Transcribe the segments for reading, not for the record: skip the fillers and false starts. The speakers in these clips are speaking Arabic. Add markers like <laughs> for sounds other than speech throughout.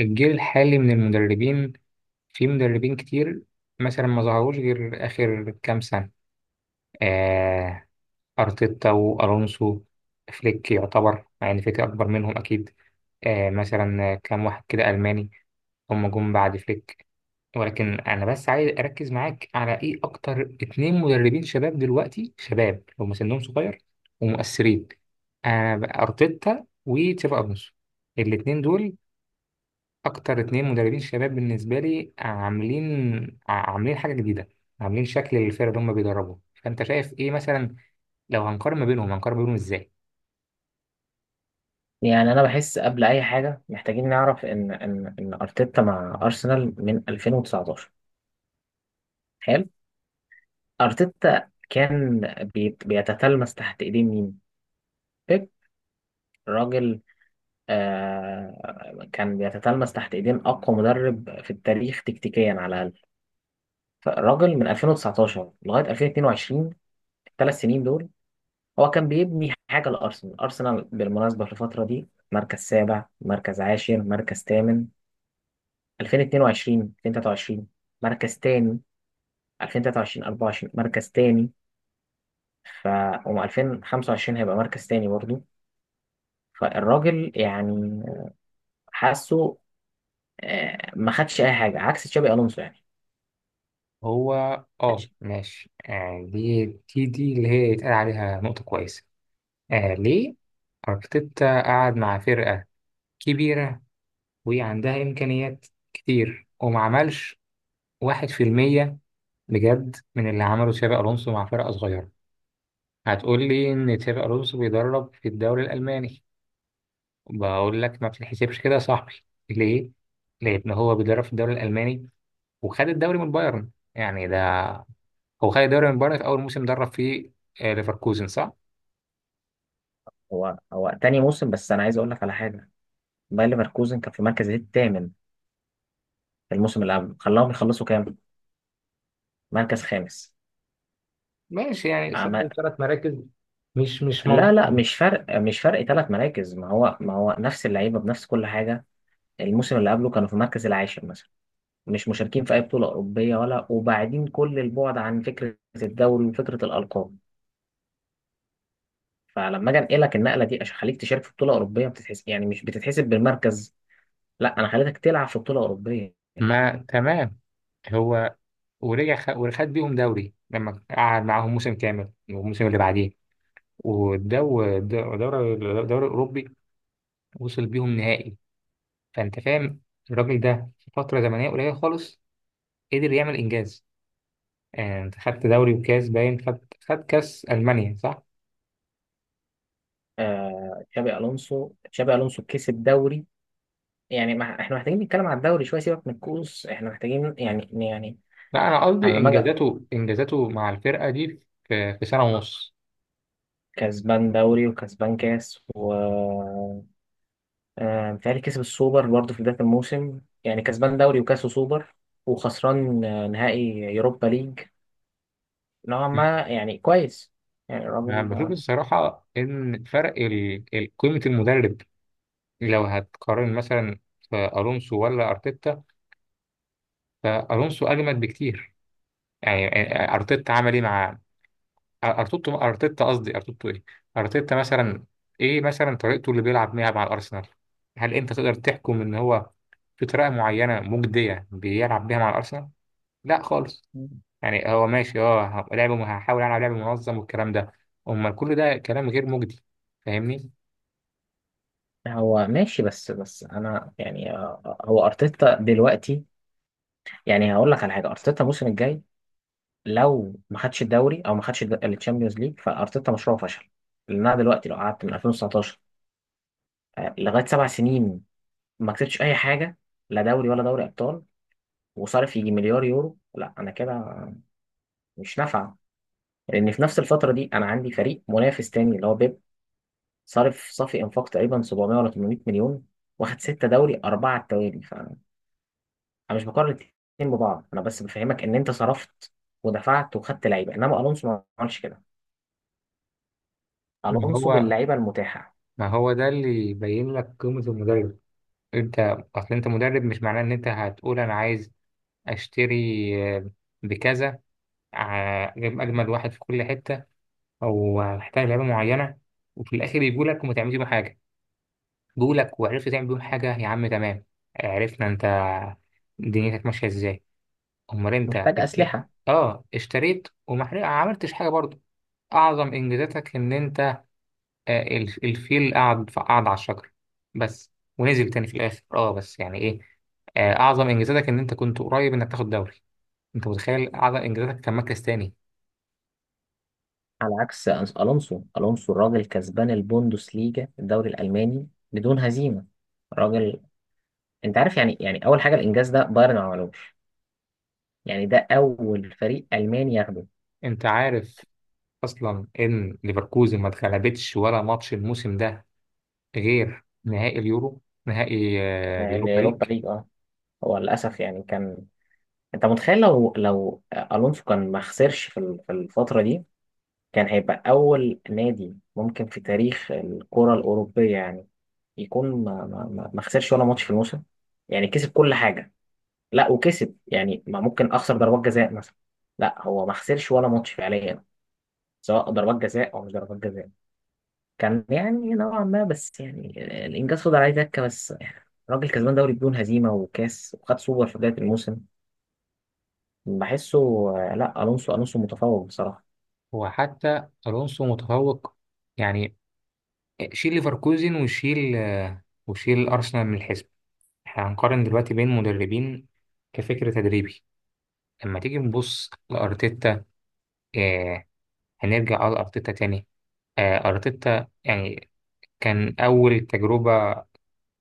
الجيل الحالي من المدربين في مدربين كتير مثلا ما ظهروش غير آخر كام سنة. آه، أرتيتا وألونسو فليك. يعتبر مع إن فليك أكبر منهم أكيد. آه مثلا كام واحد كده ألماني هم جم بعد فليك. ولكن أنا بس عايز أركز معاك على إيه. أكتر اتنين مدربين شباب دلوقتي، شباب هم سنهم صغير ومؤثرين. آه أرتيتا وتشابي ألونسو. الاتنين دول اكتر اتنين مدربين شباب بالنسبه لي، عاملين عاملين حاجه جديده، عاملين شكل للفرقه اللي هم بيدربوا. فانت شايف ايه مثلا؟ لو هنقارن ما بينهم هنقارن ما بينهم ازاي؟ يعني انا بحس قبل اي حاجه محتاجين نعرف ان ارتيتا مع ارسنال من 2019. حلو. ارتيتا كان بيتتلمس تحت ايدين مين؟ بيب. راجل. آه كان بيتتلمس تحت ايدين اقوى مدرب في التاريخ تكتيكيا على الاقل. فالراجل من 2019 لغايه 2022، 3 سنين دول، هو كان بيبني حاجه لارسنال. ارسنال بالمناسبه في الفتره دي مركز سابع، مركز عاشر، مركز ثامن. 2022، 2023 مركز تاني. 2023 24 مركز تاني. ف وم 2025 هيبقى مركز تاني برضه. فالراجل يعني حاسه، ما خدش اي حاجه عكس تشابي الونسو يعني. هو اه خدش- ماشي. آه دي اللي هي يتقال عليها نقطه كويسه. آه، ليه؟ ارتيتا قعد مع فرقه كبيره وعندها امكانيات كتير، وما عملش واحد في المية بجد من اللي عمله تشابي الونسو مع فرقه صغيره. هتقول لي ان تشابي الونسو بيدرب في الدوري الالماني. بقول لك ما بتتحسبش كده يا صاحبي. ليه؟ لأن هو بيدرب في الدوري الألماني، وخد الدوري من بايرن. يعني ده هو خد الدوري من بايرن في أول موسم درب فيه. آه، ليفركوزن صح؟ هو تاني موسم. بس انا عايز اقول لك على حاجه. باير ليفركوزن كان في المركز الثامن في الموسم اللي قبل، خلاهم يخلصوا كام؟ مركز خامس. ماشي، يعني عم- صعب ثلاث مراكز. مش لا موضوع. لا، مش فرق 3 مراكز. ما هو نفس اللعيبه بنفس كل حاجه. الموسم اللي قبله كانوا في المركز العاشر مثلا، مش مشاركين في اي بطوله اوروبيه ولا، وبعدين كل البعد عن فكره الدوري وفكره الالقاب. فلما اجي انقلك النقله دي عشان اخليك تشارك في بطوله اوروبيه، بتتحس يعني مش بتتحسب بالمركز. لا، انا خليتك تلعب في بطوله اوروبيه. ما تمام. هو ورجع وخد بيهم دوري لما قعد معاهم موسم كامل. والموسم اللي بعديه والدوري الدوري الأوروبي وصل بيهم نهائي. فأنت فاهم الراجل ده في فترة زمنية قليلة خالص قدر يعمل إنجاز. آه، انت خدت دوري وكاس، باين خد. خد كاس المانيا صح. آه تشابي الونسو، تشابي الونسو كسب دوري. يعني ما احنا محتاجين نتكلم على الدوري شويه، سيبك من الكؤوس، احنا محتاجين يعني لا انا انا قصدي لما اجي انجازاته، انجازاته مع الفرقه دي في في سنه ونص. كسبان دوري وكسبان كاس و متهيألي كسب السوبر برضه في بداية الموسم. يعني كسبان دوري وكاس وسوبر وخسران نهائي يوروبا ليج. نوعا ما يعني كويس. يعني أنا الراجل بشوف آه، الصراحة إن فرق قيمة المدرب. لو هتقارن مثلا في ألونسو ولا أرتيتا، فألونسو أجمد بكتير. يعني آه، آه، أرتيتا عمل إيه مع ارتوتو؟ ارتيتا قصدي، ارتوتو ايه. ارتيتا مثلا، ايه مثلا طريقته اللي بيلعب بيها مع الارسنال؟ هل انت تقدر تحكم ان هو في طريقه معينه مجديه بيلعب بيها مع الارسنال؟ لا خالص. يعني هو ماشي، اه لعبه، هحاول العب لعب منظم والكلام ده. امال كل ده كلام غير مجدي. فاهمني؟ هو ماشي. بس بس انا يعني، هو ارتيتا دلوقتي. يعني هقول لك على حاجه، ارتيتا الموسم الجاي لو ما خدش الدوري او ما خدش الشامبيونز ليج فارتيتا مشروعه فشل. لان انا دلوقتي لو قعدت من 2019 لغايه 7 سنين ما كسبتش اي حاجه، لا دوري ولا دوري ابطال، وصارف يجي مليار يورو، لا انا كده مش نافعه. لان في نفس الفتره دي انا عندي فريق منافس تاني اللي هو بيب، صارف صافي انفاق تقريبا 700 ولا 800 مليون، واخد 6 دوري 4 على التوالي. فانا مش بقارن الاتنين ببعض، انا بس بفهمك ان انت صرفت ودفعت وخدت لعيبه، انما الونسو ما عملش كده. ما الونسو هو باللعيبه المتاحه. ما هو ده اللي يبين لك قيمه المدرب. انت اصل انت مدرب، مش معناه ان انت هتقول انا عايز اشتري، آه، بكذا، آه، اجيب اجمد واحد في كل حته، او محتاج لعيبه معينه، وفي الاخر يجوا لك وما تعملش بيه حاجه. جوا لك وعرفت تعمل بيه حاجه، يا عم تمام، عرفنا انت دنيتك ماشيه ازاي. امال انت محتاج اسلحه. اه اشتريت، وما عملتش حاجه برضه. اعظم انجازاتك ان انت آه، الفيل قعد على الشجر بس، ونزل تاني في الاخر. اه بس يعني ايه. آه، اعظم انجازاتك ان انت كنت قريب انك تاخد دوري. انت متخيل اعظم انجازاتك كان مركز تاني؟ على عكس الونسو الراجل كسبان البوندوس ليجا الدوري الالماني بدون هزيمه. راجل. انت عارف يعني اول حاجه الانجاز ده بايرن ما عملوش. يعني ده اول فريق الماني ياخده. انت عارف اصلا ان ليفركوزن ما اتغلبتش ولا ماتش الموسم ده غير نهائي اليورو، نهائي آه، اليوروبا اليوروبا ليج. ليج اه. هو للاسف يعني كان. انت متخيل لو الونسو كان ما خسرش في في الفتره دي، كان هيبقى اول نادي ممكن في تاريخ الكره الاوروبيه يعني، يكون ما خسرش ولا ماتش في الموسم. يعني كسب كل حاجه. لا وكسب يعني، ما ممكن اخسر ضربات جزاء مثلا. لا هو ما خسرش ولا ماتش فعليا، سواء ضربات جزاء او مش ضربات جزاء. كان يعني نوعا ما، بس يعني الانجاز فضل عليه دكه بس يعني. راجل كسبان دوري بدون هزيمه وكاس وخد سوبر في بدايه الموسم. بحسه. لا، الونسو متفوق بصراحه. وحتى الونسو متفوق يعني. شيل ليفركوزن وشيل آه، وشيل ارسنال من الحزب. احنا هنقارن دلوقتي بين مدربين كفكر تدريبي. لما تيجي نبص لارتيتا، آه، هنرجع على ارتيتا تاني. آه، ارتيتا يعني كان اول تجربة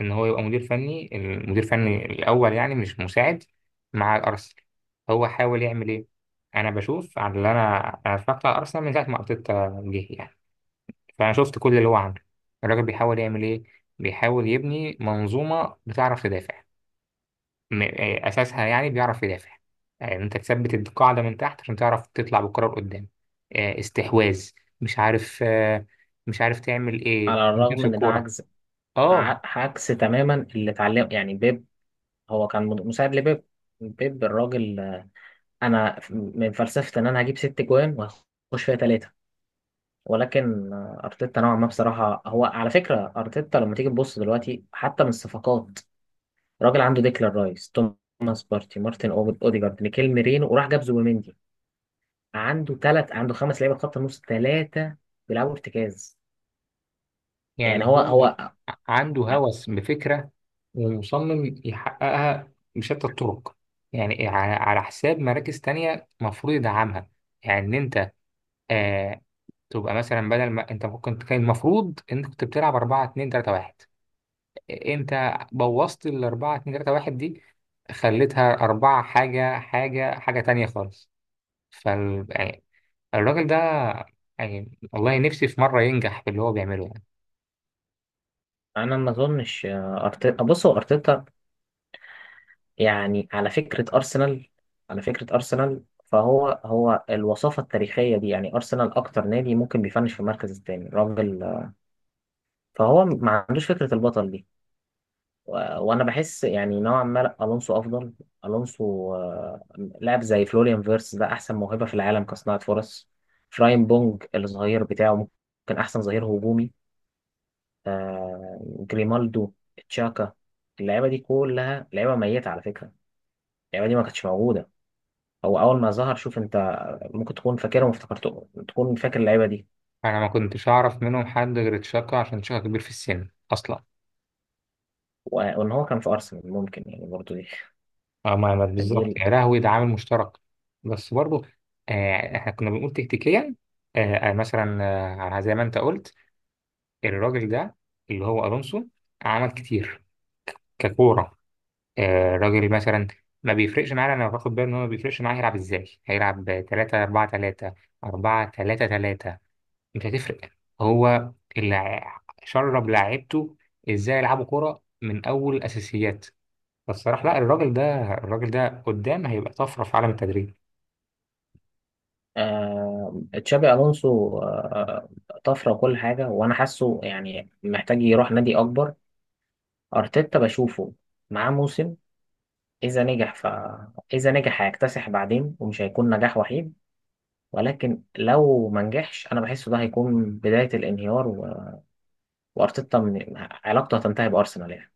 ان هو يبقى مدير فني، المدير الفني الاول يعني مش مساعد، مع الارسنال. هو حاول يعمل ايه؟ انا بشوف على اللي انا انا اتفرجت على ارسنال من ساعه ما ارتيتا جه يعني، فانا شفت كل اللي هو عامله. الراجل بيحاول يعمل ايه؟ بيحاول يبني منظومه بتعرف تدافع، آه، اساسها يعني بيعرف يدافع. يعني انت تثبت القاعده من تحت عشان تعرف تطلع بالكره لقدام. آه، استحواذ مش عارف، آه، مش عارف تعمل ايه على تمسك الرغم ان ده الكوره. عجز. اه عكس تماما اللي اتعلم يعني بيب. هو كان مساعد لبيب. بيب الراجل. انا من فلسفه ان انا هجيب ست جوان واخش فيها ثلاثه. ولكن ارتيتا نوعا ما بصراحه، هو على فكره ارتيتا لما تيجي تبص دلوقتي حتى من الصفقات، الراجل عنده ديكلان رايس، توماس بارتي، مارتن اوديجارد، ميكيل ميرينو، وراح جاب زوبيمندي. عنده ثلاث، عنده 5 لعيبه خط النص ثلاثه بيلعبوا ارتكاز. يعني يعني هو هو هو عنده هوس بفكرة ومصمم يحققها بشتى الطرق، يعني على حساب مراكز تانية مفروض يدعمها. يعني إن أنت آه تبقى مثلا، بدل ما أنت ممكن كان المفروض إنك كنت بتلعب 4 2 3 1، أنت بوظت ال 4 2 3 1 دي، خليتها 4 حاجة حاجة حاجة تانية خالص. فال يعني الراجل ده، يعني والله نفسي في مرة ينجح في اللي هو بيعمله. انا ما اظنش، ارتيتا بص، هو ارتيتا يعني، على فكره ارسنال فهو الوصافه التاريخيه دي يعني ارسنال اكتر نادي ممكن بيفنش في المركز الثاني، راجل. فهو ما عندوش فكره البطل دي. وانا بحس يعني نوعا ما، لأ، الونسو افضل. الونسو، لاعب زي فلوريان فيرس ده احسن موهبه في العالم كصناعه فرص. فراين بونج الظهير بتاعه ممكن احسن ظهير هجومي. آه جريمالدو، تشاكا. اللعيبه دي كلها لعيبه ميته على فكره. اللعيبه دي ما كانتش موجوده. هو اول ما ظهر شوف انت ممكن تكون فاكرهم، افتكرته تكون فاكر اللعيبه دي انا ما كنتش اعرف منهم حد غير تشاكا عشان تشاكا كبير في السن اصلا. وان هو كان في ارسنال ممكن يعني برضو دي. اه <laughs> دي بالظبط، ال- يا لهوي ده عامل مشترك. بس برضه آه احنا كنا بنقول تكتيكيا، آه آه، مثلا آه زي ما انت قلت، الراجل ده اللي هو الونسو عمل كتير ككوره. آه راجل مثلا ما بيفرقش معانا، انا باخد بالي ان هو ما بيفرقش معاه هيلعب ازاي. هيلعب 3 4 3، 4 3 3، مش هتفرق. هو اللي شرب لعيبته ازاي يلعبوا كرة من اول الاساسيات. فالصراحة لا، الراجل ده، الراجل ده قدام هيبقى طفرة في عالم التدريب. آه تشابي الونسو آه. طفره وكل حاجه، وانا حاسه يعني محتاج يروح نادي اكبر. ارتيتا بشوفه معاه موسم. اذا نجح اذا نجح هيكتسح بعدين ومش هيكون نجاح وحيد. ولكن لو ما نجحش انا بحسه ده هيكون بدايه الانهيار. وارتيتا علاقته هتنتهي بارسنال يعني.